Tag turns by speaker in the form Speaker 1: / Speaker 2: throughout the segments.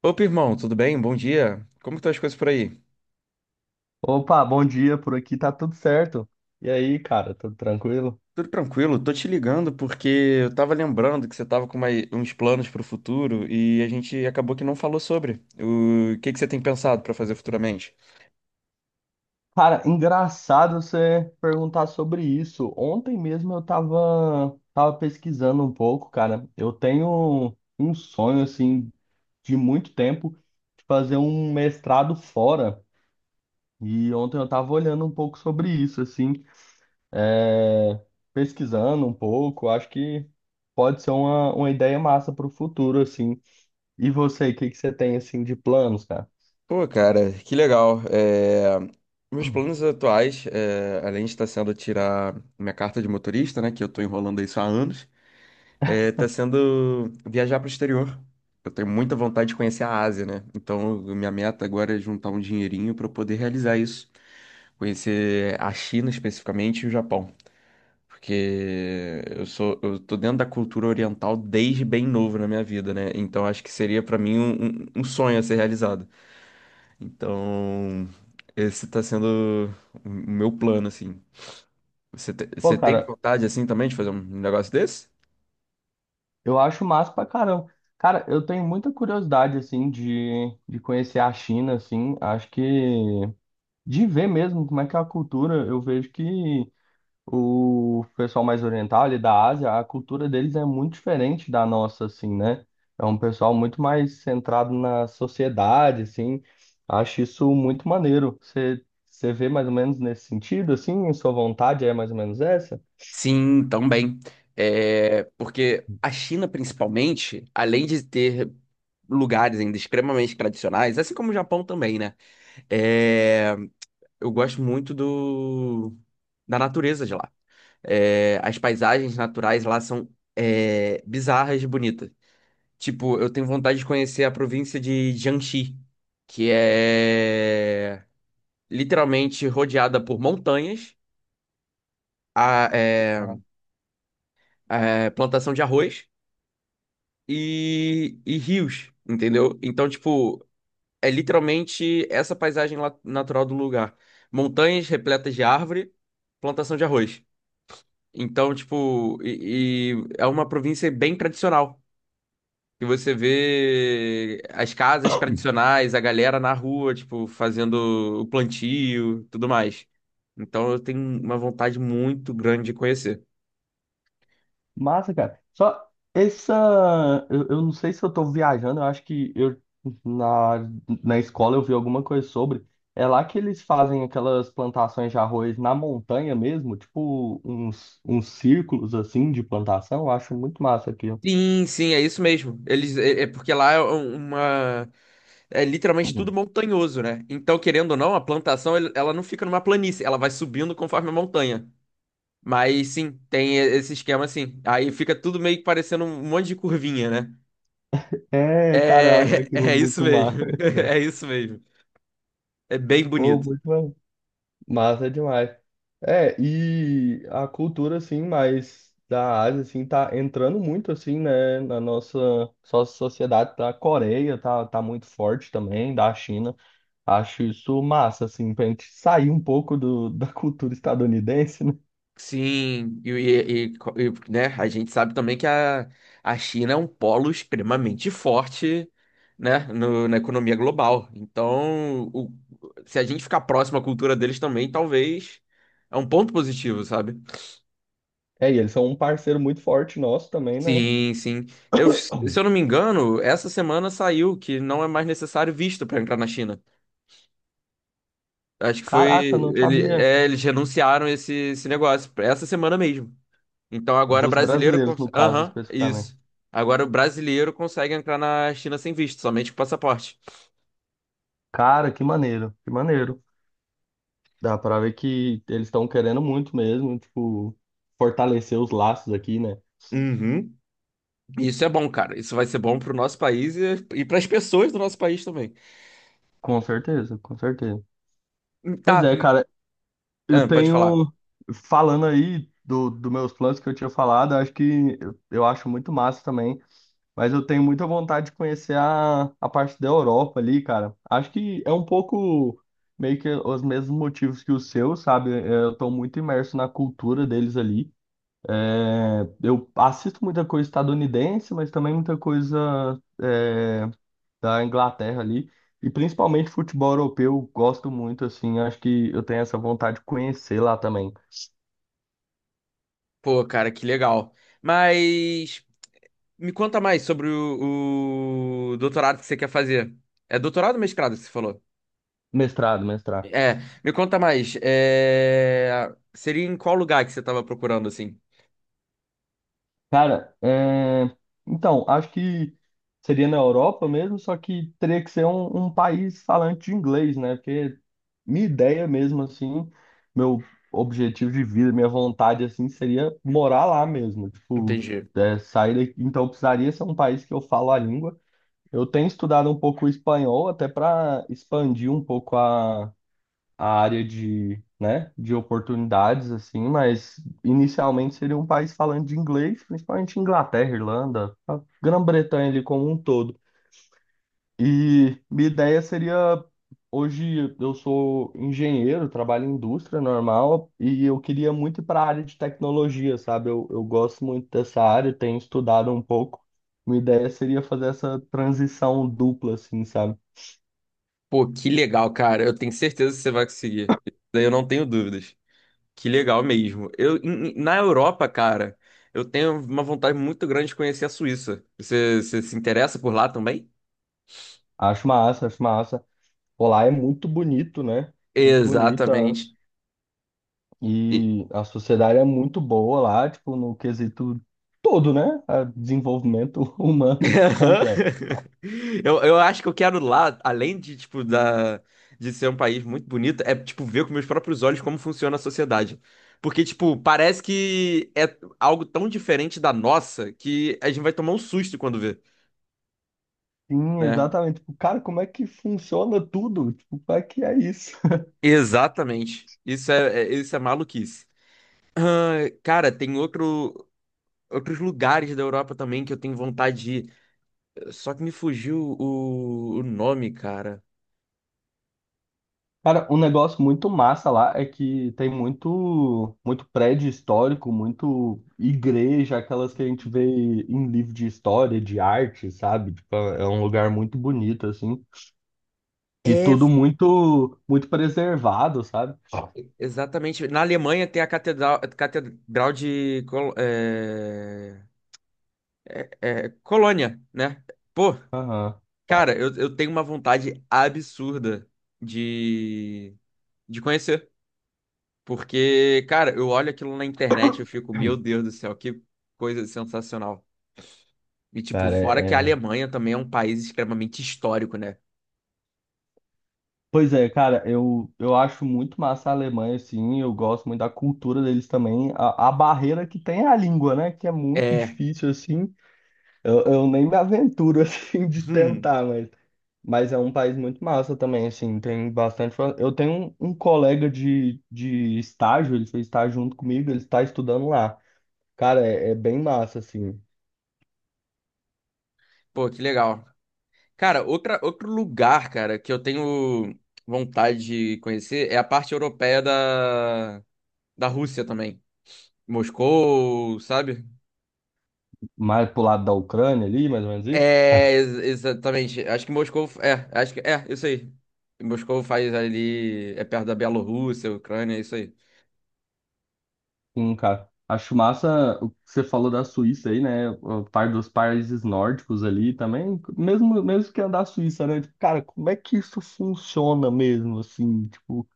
Speaker 1: Opa, irmão, tudo bem? Bom dia. Como que estão as coisas por aí?
Speaker 2: Opa, bom dia, por aqui tá tudo certo. E aí, cara, tudo tranquilo?
Speaker 1: Tudo tranquilo, tô te ligando porque eu tava lembrando que você tava com uns planos pro futuro e a gente acabou que não falou sobre. O que que você tem pensado pra fazer futuramente?
Speaker 2: Cara, engraçado você perguntar sobre isso. Ontem mesmo eu tava pesquisando um pouco, cara. Eu tenho um sonho, assim, de muito tempo, de fazer um mestrado fora. E ontem eu tava olhando um pouco sobre isso, assim, é, pesquisando um pouco. Acho que pode ser uma ideia massa pro futuro, assim. E você, o que que você tem, assim, de planos, cara?
Speaker 1: Pô, cara, que legal. Meus planos atuais, além de estar sendo tirar minha carta de motorista, né, que eu tô enrolando isso há anos, tá sendo viajar pro exterior. Eu tenho muita vontade de conhecer a Ásia, né? Então, minha meta agora é juntar um dinheirinho pra eu poder realizar isso. Conhecer a China especificamente e o Japão. Porque eu tô dentro da cultura oriental desde bem novo na minha vida, né? Então acho que seria pra mim um sonho a ser realizado. Então, esse tá sendo o meu plano, assim. Você,
Speaker 2: Pô,
Speaker 1: você tem
Speaker 2: cara,
Speaker 1: vontade, assim, também de fazer um negócio desse?
Speaker 2: eu acho massa pra caramba. Cara, eu tenho muita curiosidade, assim, de conhecer a China, assim. Acho que de ver mesmo como é que é a cultura. Eu vejo que o pessoal mais oriental ali da Ásia, a cultura deles é muito diferente da nossa, assim, né? É um pessoal muito mais centrado na sociedade, assim. Acho isso muito maneiro. Você, você vê mais ou menos nesse sentido, assim? Sua vontade é mais ou menos essa?
Speaker 1: Sim, também. É, porque a China, principalmente, além de ter lugares ainda extremamente tradicionais, assim como o Japão também, né? Eu gosto muito da natureza de lá. É, as paisagens naturais lá são bizarras de bonitas. Tipo, eu tenho vontade de conhecer a província de Jiangxi, que é literalmente rodeada por montanhas, a, é, plantação de arroz e rios, entendeu? Então, tipo, é literalmente essa paisagem natural do lugar. Montanhas repletas de árvore, plantação de arroz. Então, tipo, e é uma província bem tradicional. E você vê as casas tradicionais, a galera na rua, tipo, fazendo o plantio, tudo mais. Então eu tenho uma vontade muito grande de conhecer.
Speaker 2: Massa, cara. Só essa. Eu não sei se eu tô viajando, eu acho que eu na, na escola eu vi alguma coisa sobre. É lá que eles fazem aquelas plantações de arroz na montanha mesmo, tipo uns círculos assim de plantação. Eu acho muito massa aquilo.
Speaker 1: Sim, sim, é isso mesmo. É porque lá é um, uma. É literalmente tudo montanhoso, né? Então, querendo ou não, a plantação ela não fica numa planície, ela vai subindo conforme a montanha. Mas sim, tem esse esquema assim. Aí fica tudo meio que parecendo um monte de curvinha, né?
Speaker 2: É, cara, eu acho
Speaker 1: É,
Speaker 2: aquilo
Speaker 1: é isso
Speaker 2: muito
Speaker 1: mesmo.
Speaker 2: massa. Muito legal.
Speaker 1: É isso mesmo. É bem
Speaker 2: Pô,
Speaker 1: bonito.
Speaker 2: muito massa demais. É, e a cultura, assim, mais da Ásia, assim, tá entrando muito, assim, né, na nossa sociedade. Da Coreia tá muito forte também, da China. Acho isso massa, assim, pra gente sair um pouco do, da cultura estadunidense, né?
Speaker 1: Sim, e, né, a gente sabe também que a China é um polo extremamente forte, né, na economia global. Então, se a gente ficar próximo à cultura deles também, talvez é um ponto positivo, sabe?
Speaker 2: É, e eles são um parceiro muito forte nosso também, né?
Speaker 1: Sim, sim. Se eu não me engano, essa semana saiu que não é mais necessário visto para entrar na China. Acho que foi.
Speaker 2: Caraca, não sabia.
Speaker 1: Eles renunciaram esse negócio essa semana mesmo. Então agora
Speaker 2: Dos
Speaker 1: brasileiro.
Speaker 2: brasileiros, no caso,
Speaker 1: Aham,
Speaker 2: especificamente.
Speaker 1: isso. Agora o brasileiro consegue entrar na China sem visto, somente com passaporte.
Speaker 2: Cara, que maneiro, que maneiro. Dá pra ver que eles estão querendo muito mesmo, tipo, fortalecer os laços aqui, né?
Speaker 1: Uhum. E isso é bom, cara. Isso vai ser bom pro nosso país e para as pessoas do nosso país também.
Speaker 2: Com certeza, com certeza.
Speaker 1: Tá,
Speaker 2: Pois é, cara, eu
Speaker 1: ah, pode falar.
Speaker 2: tenho, falando aí do meus planos que eu tinha falado, acho que eu acho muito massa também, mas eu tenho muita vontade de conhecer a parte da Europa ali, cara. Acho que é um pouco meio que os mesmos motivos que o seu, sabe? Eu tô muito imerso na cultura deles ali. É, eu assisto muita coisa estadunidense, mas também muita coisa é, da Inglaterra ali. E principalmente futebol europeu, gosto muito, assim. Acho que eu tenho essa vontade de conhecer lá também.
Speaker 1: Pô, cara, que legal. Mas me conta mais sobre o doutorado que você quer fazer. É doutorado ou mestrado que você falou?
Speaker 2: Mestrado, mestrado.
Speaker 1: É, me conta mais. É, seria em qual lugar que você tava procurando, assim?
Speaker 2: Cara, é... Então, acho que seria na Europa mesmo, só que teria que ser um país falante de inglês, né? Porque minha ideia mesmo, assim, meu objetivo de vida, minha vontade, assim, seria morar lá mesmo. Tipo,
Speaker 1: Entendi.
Speaker 2: é, sair daqui. Então, precisaria ser um país que eu falo a língua. Eu tenho estudado um pouco o espanhol, até para expandir um pouco a área de, né, de oportunidades, assim, mas inicialmente seria um país falando de inglês, principalmente Inglaterra, Irlanda, a Grã-Bretanha ali como um todo. E minha ideia seria, hoje eu sou engenheiro, trabalho em indústria normal, e eu queria muito ir para a área de tecnologia, sabe? Eu gosto muito dessa área, tenho estudado um pouco. Minha ideia seria fazer essa transição dupla, assim, sabe?
Speaker 1: Pô, que legal, cara. Eu tenho certeza que você vai conseguir. Daí eu não tenho dúvidas. Que legal mesmo. Na Europa, cara, eu tenho uma vontade muito grande de conhecer a Suíça. Você se interessa por lá também?
Speaker 2: Acho massa, acho massa. Pô, lá é muito bonito, né? Muito bonita.
Speaker 1: Exatamente.
Speaker 2: E a sociedade é muito boa lá, tipo, no quesito todo, né? A desenvolvimento humano
Speaker 1: Aham.
Speaker 2: completo.
Speaker 1: Eu acho que eu quero lá, além de, tipo, de ser um país muito bonito, é, tipo, ver com meus próprios olhos como funciona a sociedade. Porque, tipo, parece que é algo tão diferente da nossa que a gente vai tomar um susto quando vê,
Speaker 2: Sim,
Speaker 1: né?
Speaker 2: exatamente. Tipo, cara, como é que funciona tudo? Tipo, como é que é isso?
Speaker 1: Exatamente. Isso é maluquice. Ah, cara, outros lugares da Europa também que eu tenho vontade de ir. Só que me fugiu o nome, cara.
Speaker 2: Cara, um negócio muito massa lá é que tem muito, muito prédio histórico, muito igreja, aquelas que a gente vê em livro de história, de arte, sabe? Tipo, é é um lugar muito bonito, assim. E
Speaker 1: É,
Speaker 2: tudo muito, muito preservado, sabe?
Speaker 1: exatamente. Na Alemanha tem a Catedral de Colônia, né? Pô,
Speaker 2: Aham.
Speaker 1: cara, eu tenho uma vontade absurda de, de conhecer. Porque, cara, eu olho aquilo na internet e eu fico, meu Deus do céu, que coisa sensacional. E, tipo,
Speaker 2: Cara,
Speaker 1: fora que a
Speaker 2: é. É.
Speaker 1: Alemanha também é um país extremamente histórico, né?
Speaker 2: Pois é, cara, eu acho muito massa a Alemanha, assim, eu gosto muito da cultura deles também. A barreira que tem é a língua, né? Que é muito
Speaker 1: É.
Speaker 2: difícil, assim. Eu nem me aventuro, assim, de
Speaker 1: Hum,
Speaker 2: tentar, mas é um país muito massa também, assim, tem bastante. Fa- Eu tenho um colega de estágio, ele fez estágio junto comigo, ele está estudando lá. Cara, é bem massa, assim.
Speaker 1: pô, que legal. Cara, outro lugar, cara, que eu tenho vontade de conhecer é a parte europeia da Rússia também. Moscou, sabe?
Speaker 2: Mais pro lado da Ucrânia ali, mais ou menos isso.
Speaker 1: Exatamente. Acho que Moscou. É, acho que. É, isso aí. Moscou faz ali. É perto da Bielorrússia, Ucrânia, é isso aí.
Speaker 2: Sim, cara. Acho massa o que você falou da Suíça aí, né? O par dos países nórdicos ali também, mesmo, mesmo que é da Suíça, né? Tipo, cara, como é que isso funciona mesmo, assim? Tipo,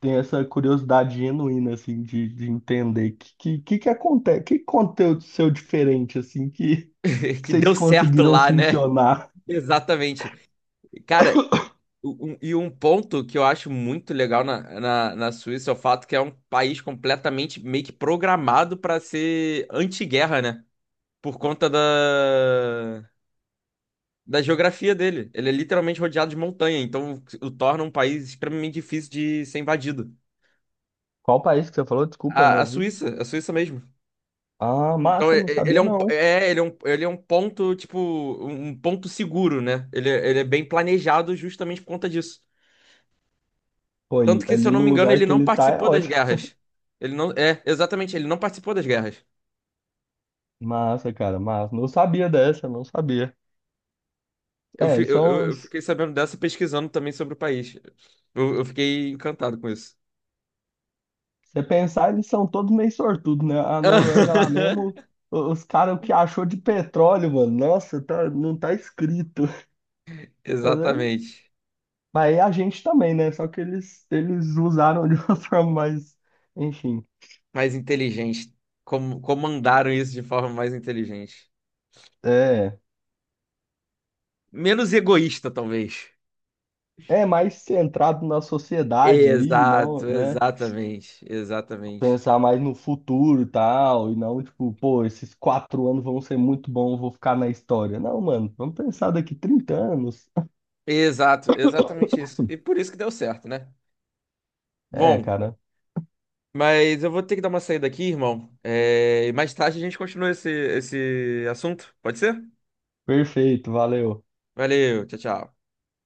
Speaker 2: tem essa curiosidade genuína, assim, de entender que acontece, que aconteceu diferente, assim, que
Speaker 1: Que
Speaker 2: vocês
Speaker 1: deu certo
Speaker 2: conseguiram
Speaker 1: lá, né?
Speaker 2: funcionar.
Speaker 1: Exatamente. Cara, e um ponto que eu acho muito legal na Suíça é o fato que é um país completamente meio que programado para ser anti-guerra, né? Por conta da geografia dele. Ele é literalmente rodeado de montanha, então o torna um país extremamente difícil de ser invadido.
Speaker 2: Qual país que você falou? Desculpa, eu não
Speaker 1: A
Speaker 2: ouvi.
Speaker 1: Suíça, a Suíça mesmo.
Speaker 2: Ah,
Speaker 1: Então
Speaker 2: massa, não
Speaker 1: ele é
Speaker 2: sabia
Speaker 1: um,
Speaker 2: não.
Speaker 1: é, ele é um ponto, tipo, um ponto seguro, né? Ele, ele é bem planejado justamente por conta disso.
Speaker 2: Foi
Speaker 1: Tanto que, se eu
Speaker 2: ali
Speaker 1: não
Speaker 2: no
Speaker 1: me engano,
Speaker 2: lugar
Speaker 1: ele
Speaker 2: que
Speaker 1: não
Speaker 2: ele tá é
Speaker 1: participou das
Speaker 2: ótimo.
Speaker 1: guerras. Ele não. É, exatamente, ele não participou das guerras.
Speaker 2: Massa, cara, massa. Não sabia dessa, não sabia.
Speaker 1: Eu,
Speaker 2: É,
Speaker 1: fi-
Speaker 2: eles
Speaker 1: eu,
Speaker 2: são.
Speaker 1: eu eu
Speaker 2: Os-
Speaker 1: fiquei sabendo dessa pesquisando também sobre o país. Eu fiquei encantado com isso.
Speaker 2: Se você pensar, eles são todos meio sortudos, né? A Noruega lá mesmo, o- os caras, o que achou de petróleo, mano? Nossa, tá- não tá escrito. Mas é-
Speaker 1: Exatamente.
Speaker 2: mas aí a gente também, né? Só que eles usaram de uma forma mais. Enfim.
Speaker 1: Mais inteligente. Como, comandaram isso de forma mais inteligente.
Speaker 2: É.
Speaker 1: Menos egoísta, talvez.
Speaker 2: É mais centrado na sociedade ali, não,
Speaker 1: Exato,
Speaker 2: né?
Speaker 1: exatamente, exatamente.
Speaker 2: Pensar mais no futuro e tal, e não, tipo, pô, esses 4 anos vão ser muito bons, vou ficar na história. Não, mano, vamos pensar daqui 30 anos.
Speaker 1: Exato, exatamente isso. E por isso que deu certo, né?
Speaker 2: É,
Speaker 1: Bom.
Speaker 2: cara,
Speaker 1: Mas eu vou ter que dar uma saída aqui, irmão. É, e mais tarde a gente continua esse assunto. Pode ser?
Speaker 2: perfeito, valeu.
Speaker 1: Valeu, tchau, tchau.